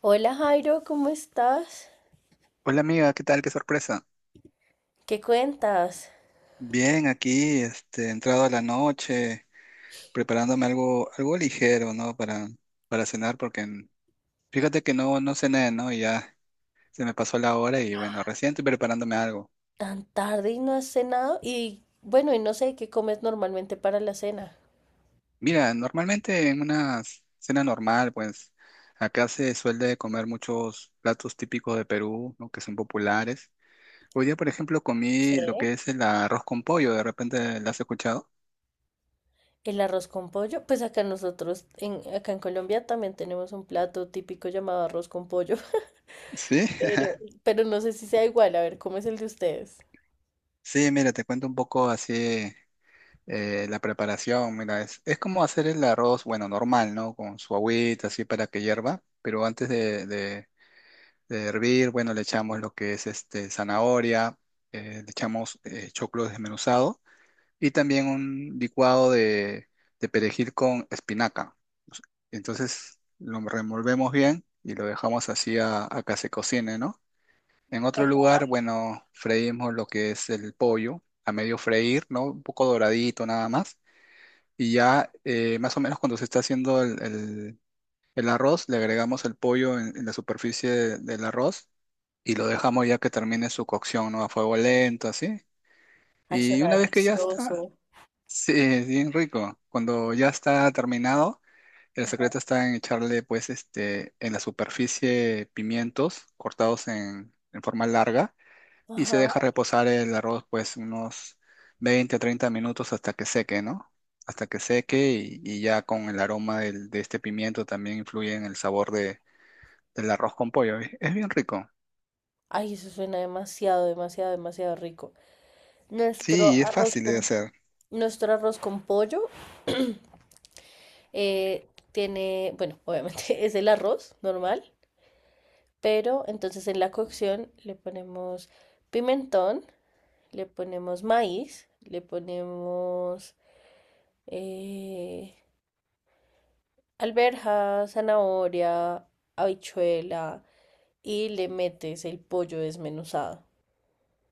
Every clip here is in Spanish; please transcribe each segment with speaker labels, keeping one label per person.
Speaker 1: Hola Jairo, ¿cómo estás?
Speaker 2: Hola amiga, ¿qué tal? Qué sorpresa.
Speaker 1: ¿Qué cuentas?
Speaker 2: Bien, aquí, entrado a la noche, preparándome algo ligero, ¿no? Para cenar, fíjate que no cené, ¿no? Y ya se me pasó la hora y bueno, recién estoy preparándome algo.
Speaker 1: Tan tarde y no has cenado. Y bueno, y no sé qué comes normalmente para la cena.
Speaker 2: Mira, normalmente en una cena normal, pues, acá se suele comer muchos platos típicos de Perú, ¿no? Que son populares. Hoy día, por ejemplo,
Speaker 1: Sí.
Speaker 2: comí lo que es el arroz con pollo, ¿de repente lo has escuchado?
Speaker 1: El arroz con pollo, pues acá nosotros, acá en Colombia también tenemos un plato típico llamado arroz con pollo,
Speaker 2: Sí,
Speaker 1: pero, pero no sé si sea igual, a ver, ¿cómo es el de ustedes?
Speaker 2: sí, mira, te cuento un poco así. La preparación, mira, es como hacer el arroz, bueno, normal, ¿no? Con su agüita, así para que hierva, pero antes de hervir, bueno, le echamos lo que es zanahoria, le echamos choclo desmenuzado y también un licuado de perejil con espinaca. Entonces lo revolvemos bien y lo dejamos así a que se cocine, ¿no? En otro lugar, bueno, freímos lo que es el pollo a medio freír, ¿no? Un poco doradito nada más y ya más o menos cuando se está haciendo el arroz, le agregamos el pollo en la superficie del arroz y lo dejamos ya que termine su cocción, ¿no? A fuego lento, así.
Speaker 1: Ay,
Speaker 2: Y
Speaker 1: suena
Speaker 2: una vez que ya está,
Speaker 1: delicioso.
Speaker 2: sí, es bien rico. Cuando ya está terminado, el secreto está en echarle, pues, en la superficie pimientos cortados en forma larga y se deja
Speaker 1: Ajá.
Speaker 2: reposar el arroz pues unos 20 30 minutos hasta que seque, ¿no? Hasta que seque y ya con el aroma de este pimiento también influye en el sabor del arroz con pollo. Es bien rico.
Speaker 1: Ay, eso suena demasiado, demasiado, demasiado rico. Nuestro
Speaker 2: Sí, y es
Speaker 1: arroz
Speaker 2: fácil de
Speaker 1: con,
Speaker 2: hacer.
Speaker 1: nuestro arroz con pollo tiene, bueno, obviamente, es el arroz normal, pero entonces en la cocción le ponemos pimentón, le ponemos maíz, le ponemos eh, alberja, zanahoria, habichuela y le metes el pollo desmenuzado.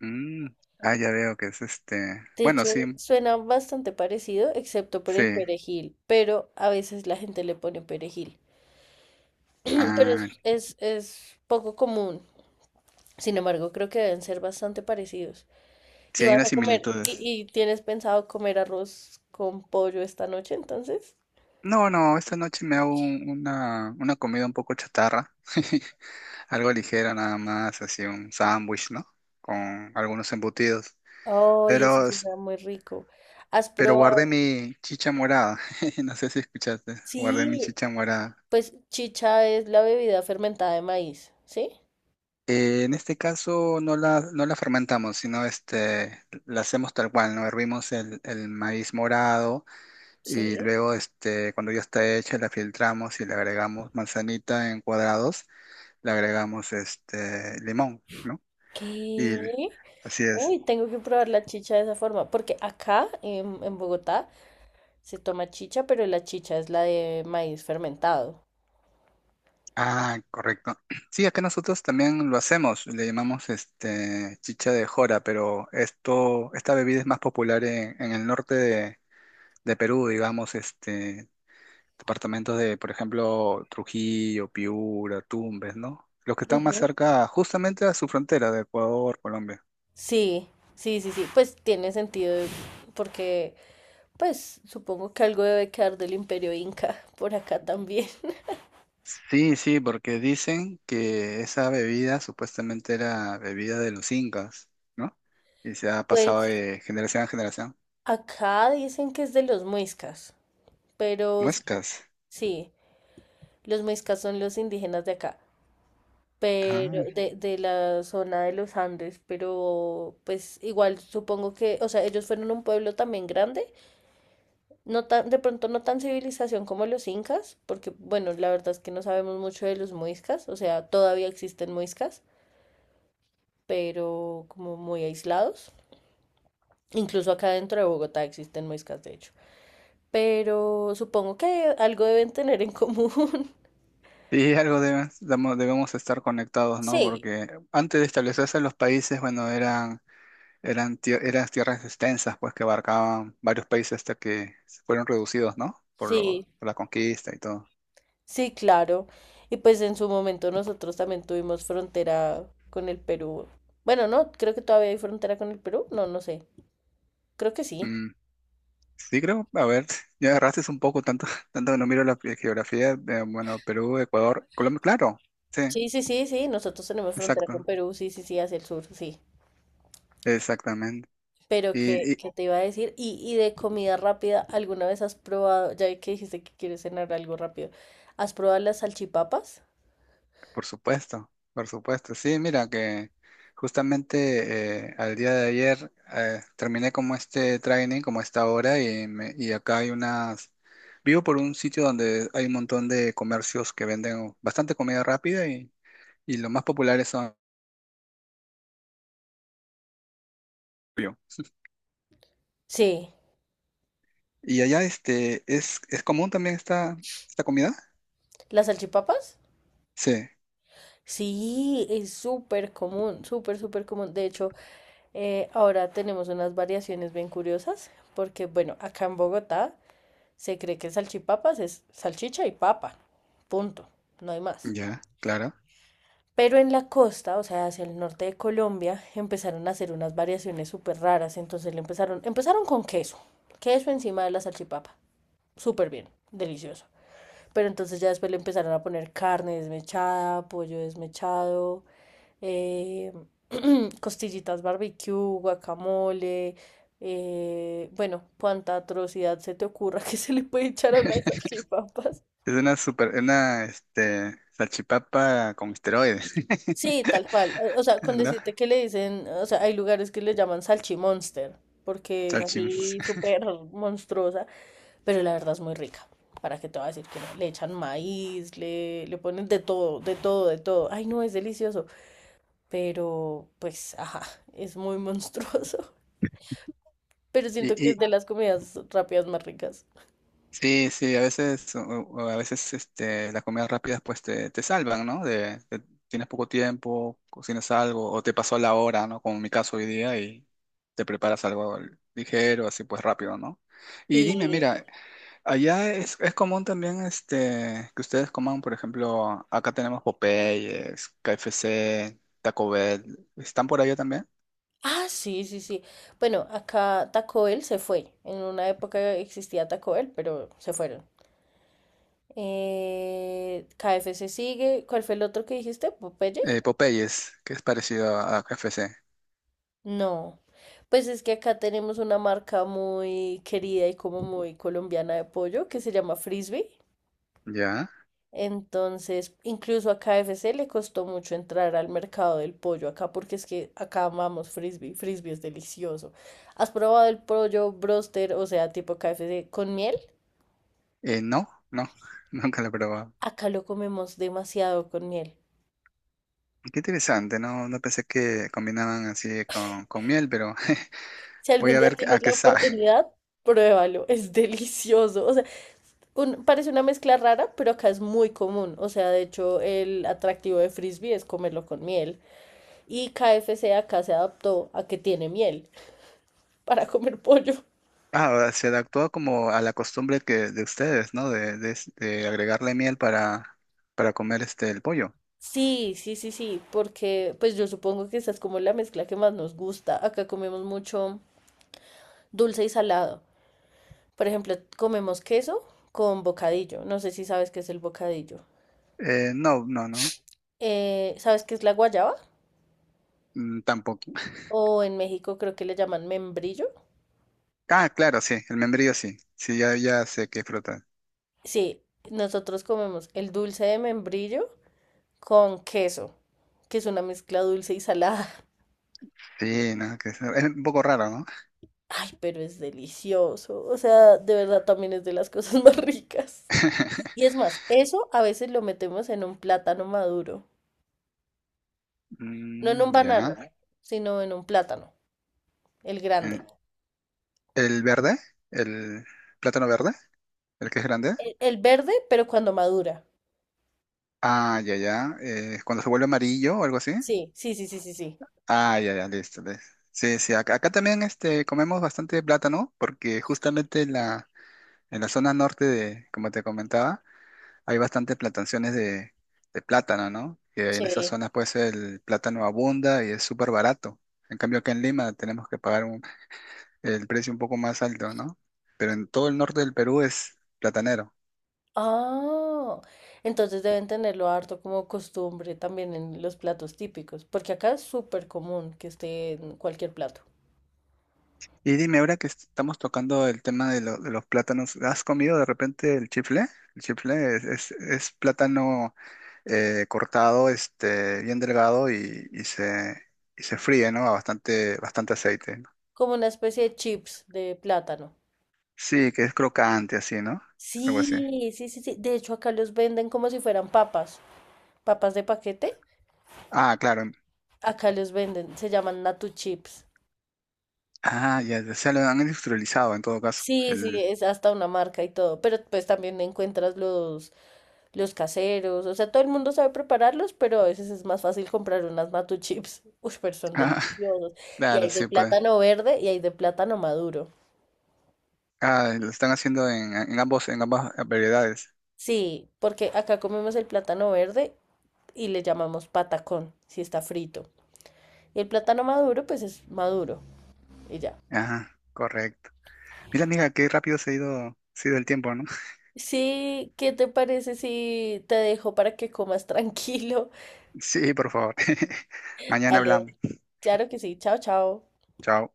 Speaker 2: Mm, ah, ya veo que es este.
Speaker 1: De
Speaker 2: Bueno,
Speaker 1: hecho,
Speaker 2: sí,
Speaker 1: suena bastante parecido, excepto por
Speaker 2: sí.
Speaker 1: el perejil, pero a veces la gente le pone perejil. Pero
Speaker 2: Ah,
Speaker 1: es poco común. Sin embargo, creo que deben ser bastante parecidos. ¿Y
Speaker 2: sí hay
Speaker 1: vas
Speaker 2: unas
Speaker 1: a comer
Speaker 2: similitudes.
Speaker 1: y tienes pensado comer arroz con pollo esta noche entonces?
Speaker 2: No, no, esta noche me hago una comida un poco chatarra. Algo ligera nada más, así un sándwich, ¿no? Con algunos embutidos.
Speaker 1: Ay, eso
Speaker 2: Pero, s-
Speaker 1: suena muy rico. ¿Has
Speaker 2: pero guardé
Speaker 1: probado?
Speaker 2: mi chicha morada. No sé si escuchaste. Guardé mi
Speaker 1: Sí,
Speaker 2: chicha morada.
Speaker 1: pues chicha es la bebida fermentada de maíz, ¿sí?
Speaker 2: En este caso no la fermentamos, sino la hacemos tal cual, ¿no? Hervimos el maíz morado y
Speaker 1: Sí.
Speaker 2: luego cuando ya está hecha la filtramos y le agregamos manzanita en cuadrados, le agregamos limón, ¿no? Y
Speaker 1: ¿Qué?
Speaker 2: así es.
Speaker 1: Uy, tengo que probar la chicha de esa forma, porque acá en Bogotá se toma chicha, pero la chicha es la de maíz fermentado.
Speaker 2: Ah, correcto. Sí, acá nosotros también lo hacemos, le llamamos chicha de jora, pero esta bebida es más popular en el norte de Perú, digamos, departamentos de, por ejemplo, Trujillo, Piura, Tumbes, ¿no? Los que están más
Speaker 1: Ujú.
Speaker 2: cerca, justamente a su frontera de Ecuador, Colombia.
Speaker 1: Sí, sí, sí, sí, pues tiene sentido porque pues supongo que algo debe quedar del Imperio Inca por acá también.
Speaker 2: Sí, sí, porque dicen que esa bebida supuestamente era bebida de los incas, ¿no? Y se ha pasado
Speaker 1: Pues
Speaker 2: de generación a generación.
Speaker 1: acá dicen que es de los muiscas, pero su-
Speaker 2: Muescas.
Speaker 1: sí, los muiscas son los indígenas de acá,
Speaker 2: Ah,
Speaker 1: pero de la zona de los Andes, pero pues igual supongo que, o sea, ellos fueron un pueblo también grande. No tan, de pronto no tan civilización como los incas, porque bueno, la verdad es que no sabemos mucho de los muiscas, o sea, todavía existen muiscas, pero como muy aislados. Incluso acá dentro de Bogotá existen muiscas, de hecho. Pero supongo que algo deben tener en común.
Speaker 2: sí, algo debemos estar conectados, ¿no?
Speaker 1: Sí.
Speaker 2: Porque antes de establecerse los países, bueno, eran tierras extensas, pues que abarcaban varios países hasta que se fueron reducidos, ¿no? Por lo,
Speaker 1: Sí,
Speaker 2: por la conquista y todo.
Speaker 1: sí, claro. Y pues en su momento nosotros también tuvimos frontera con el Perú. Bueno, no, creo que todavía hay frontera con el Perú. No, no sé. Creo que sí.
Speaker 2: Mm, sí, creo, a ver, ya agarraste un poco, tanto, tanto que no miro la geografía, de, bueno, Perú, Ecuador, Colombia, claro, sí,
Speaker 1: Sí, sí, sí, sí, nosotros tenemos frontera con
Speaker 2: exacto,
Speaker 1: Perú, sí, sí, sí, hacia el sur, sí.
Speaker 2: exactamente.
Speaker 1: Pero
Speaker 2: Y y
Speaker 1: qué te iba a decir? Y de comida rápida, ¿alguna vez has probado, ya vi que dijiste que quieres cenar algo rápido, ¿has probado las salchipapas?
Speaker 2: por supuesto, por supuesto. Sí, mira que justamente al día de ayer terminé como este training, como esta hora, y acá hay unas. Vivo por un sitio donde hay un montón de comercios que venden bastante comida rápida y los más populares son.
Speaker 1: Sí,
Speaker 2: Y allá ¿es común también esta comida?
Speaker 1: ¿las salchipapas?
Speaker 2: Sí,
Speaker 1: Sí, es súper común, súper, súper común. De hecho, ahora tenemos unas variaciones bien curiosas, porque bueno, acá en Bogotá se cree que salchipapas es salchicha y papa, punto, no hay más.
Speaker 2: ya, claro.
Speaker 1: Pero en la costa, o sea, hacia el norte de Colombia, empezaron a hacer unas variaciones súper raras. Entonces empezaron con queso, queso encima de la salchipapa. Súper bien, delicioso. Pero entonces ya después le empezaron a poner carne desmechada, pollo desmechado, eh, costillitas barbecue, guacamole. Bueno, cuánta atrocidad se te ocurra que se le puede echar a unas salchipapas.
Speaker 2: Es una salchipapa con esteroides,
Speaker 1: Sí, tal cual. O sea, con
Speaker 2: ¿no?
Speaker 1: decirte que le dicen, o sea, hay lugares que le llaman salchimonster, porque es
Speaker 2: Salchim.
Speaker 1: así súper monstruosa, pero la verdad es muy rica. ¿Para qué te voy a decir que no? Le echan maíz, le ponen de todo, de todo, de todo. Ay, no, es delicioso. Pero, pues, ajá, es muy monstruoso. Pero
Speaker 2: Y,
Speaker 1: siento que es
Speaker 2: y
Speaker 1: de las comidas rápidas más ricas.
Speaker 2: sí, sí, a veces, o a veces las comidas rápidas pues te salvan, ¿no? Tienes poco tiempo, cocinas algo, o te pasó la hora, ¿no? Como en mi caso hoy día, y te preparas algo ligero, así pues rápido, ¿no? Y dime,
Speaker 1: Sí.
Speaker 2: mira, allá es común también que ustedes coman, por ejemplo, acá tenemos Popeyes, KFC, Taco Bell, ¿están por allá también?
Speaker 1: Ah, sí, sí, sí. Bueno, acá Taco Bell se fue. En una época existía Taco Bell, pero se fueron. KFC sigue. ¿Cuál fue el otro que dijiste? ¿Popeye?
Speaker 2: Popeyes, que es parecido a KFC,
Speaker 1: No. Pues es que acá tenemos una marca muy querida y como muy colombiana de pollo que se llama Frisbee.
Speaker 2: ¿ya?
Speaker 1: Entonces, incluso a KFC le costó mucho entrar al mercado del pollo acá porque es que acá amamos Frisbee. Frisbee es delicioso. ¿Has probado el pollo broster, o sea, tipo KFC con miel?
Speaker 2: No, no, nunca lo he probado.
Speaker 1: Acá lo comemos demasiado con miel.
Speaker 2: Qué interesante, no, no pensé que combinaban así con miel, pero
Speaker 1: Si
Speaker 2: voy
Speaker 1: algún
Speaker 2: a
Speaker 1: día
Speaker 2: ver a
Speaker 1: tienes
Speaker 2: qué
Speaker 1: la
Speaker 2: sabe.
Speaker 1: oportunidad, pruébalo, es delicioso. O sea, parece una mezcla rara, pero acá es muy común. O sea, de hecho, el atractivo de frisbee es comerlo con miel. Y KFC acá se adaptó a que tiene miel para comer pollo.
Speaker 2: Ah, o sea, se adaptó como a la costumbre que de ustedes, ¿no? De agregarle miel para comer el pollo.
Speaker 1: Sí, sí, sí, sí, porque pues yo supongo que esa es como la mezcla que más nos gusta. Acá comemos mucho dulce y salado. Por ejemplo, comemos queso con bocadillo. No sé si sabes qué es el bocadillo.
Speaker 2: No, no, no,
Speaker 1: ¿Sabes qué es la guayaba?
Speaker 2: mm, tampoco.
Speaker 1: O en México creo que le llaman membrillo.
Speaker 2: Ah, claro, sí, el membrillo sí. Sí, ya, ya sé qué fruta.
Speaker 1: Sí, nosotros comemos el dulce de membrillo con queso, que es una mezcla dulce y salada.
Speaker 2: Sí, no, que es un poco raro, ¿no?
Speaker 1: Ay, pero es delicioso. O sea, de verdad también es de las cosas más ricas. Y es más, eso a veces lo metemos en un plátano maduro. No en un
Speaker 2: Mm,
Speaker 1: banano,
Speaker 2: ya.
Speaker 1: sino en un plátano, el grande.
Speaker 2: Eh, ¿El verde? ¿El plátano verde? ¿El que es grande?
Speaker 1: El verde, pero cuando madura.
Speaker 2: Ah, ya, ya. Cuando se vuelve amarillo o algo así.
Speaker 1: Sí, sí, sí, sí, sí, sí,
Speaker 2: Ah, ya, ya, listo. Listo. Sí, sí, acá también comemos bastante plátano porque justamente en la zona norte de, como te comentaba, hay bastantes plantaciones de plátano, ¿no? Que en esas
Speaker 1: sí.
Speaker 2: zonas pues el plátano abunda y es súper barato. En cambio acá en Lima tenemos que pagar el precio un poco más alto, ¿no? Pero en todo el norte del Perú es platanero.
Speaker 1: Ah, entonces deben tenerlo harto como costumbre también en los platos típicos, porque acá es súper común que esté en cualquier plato,
Speaker 2: Y dime, ahora que estamos tocando el tema de los plátanos, ¿has comido de repente el chifle? El chifle es plátano cortado, bien delgado y se fríe, ¿no? A bastante, bastante aceite, ¿no?
Speaker 1: como una especie de chips de plátano.
Speaker 2: Sí, que es crocante así, ¿no? Algo así.
Speaker 1: Sí, sí, sí, sí. De hecho, acá los venden como si fueran papas, papas de paquete.
Speaker 2: Ah, claro.
Speaker 1: Acá los venden, se llaman Natu Chips.
Speaker 2: Ah, ya, ya se lo han industrializado en todo caso.
Speaker 1: Sí, sí, es hasta una marca y todo, pero pues también encuentras los caseros, o sea, todo el mundo sabe prepararlos, pero a veces es más fácil comprar unas Matu Chips, uy, pero son
Speaker 2: Ah,
Speaker 1: deliciosos, y
Speaker 2: claro,
Speaker 1: hay de
Speaker 2: sí, pues.
Speaker 1: plátano verde y hay de plátano maduro.
Speaker 2: Ah, lo están haciendo en ambas variedades.
Speaker 1: Sí, porque acá comemos el plátano verde y le llamamos patacón, si está frito, y el plátano maduro, pues es maduro, y ya.
Speaker 2: Ajá, correcto. Mira, amiga, qué rápido se ha ido el tiempo, ¿no?
Speaker 1: Sí, ¿qué te parece si te dejo para que comas tranquilo?
Speaker 2: Sí, por favor. Mañana
Speaker 1: Dale,
Speaker 2: hablamos.
Speaker 1: claro que sí, chao, chao.
Speaker 2: Chao.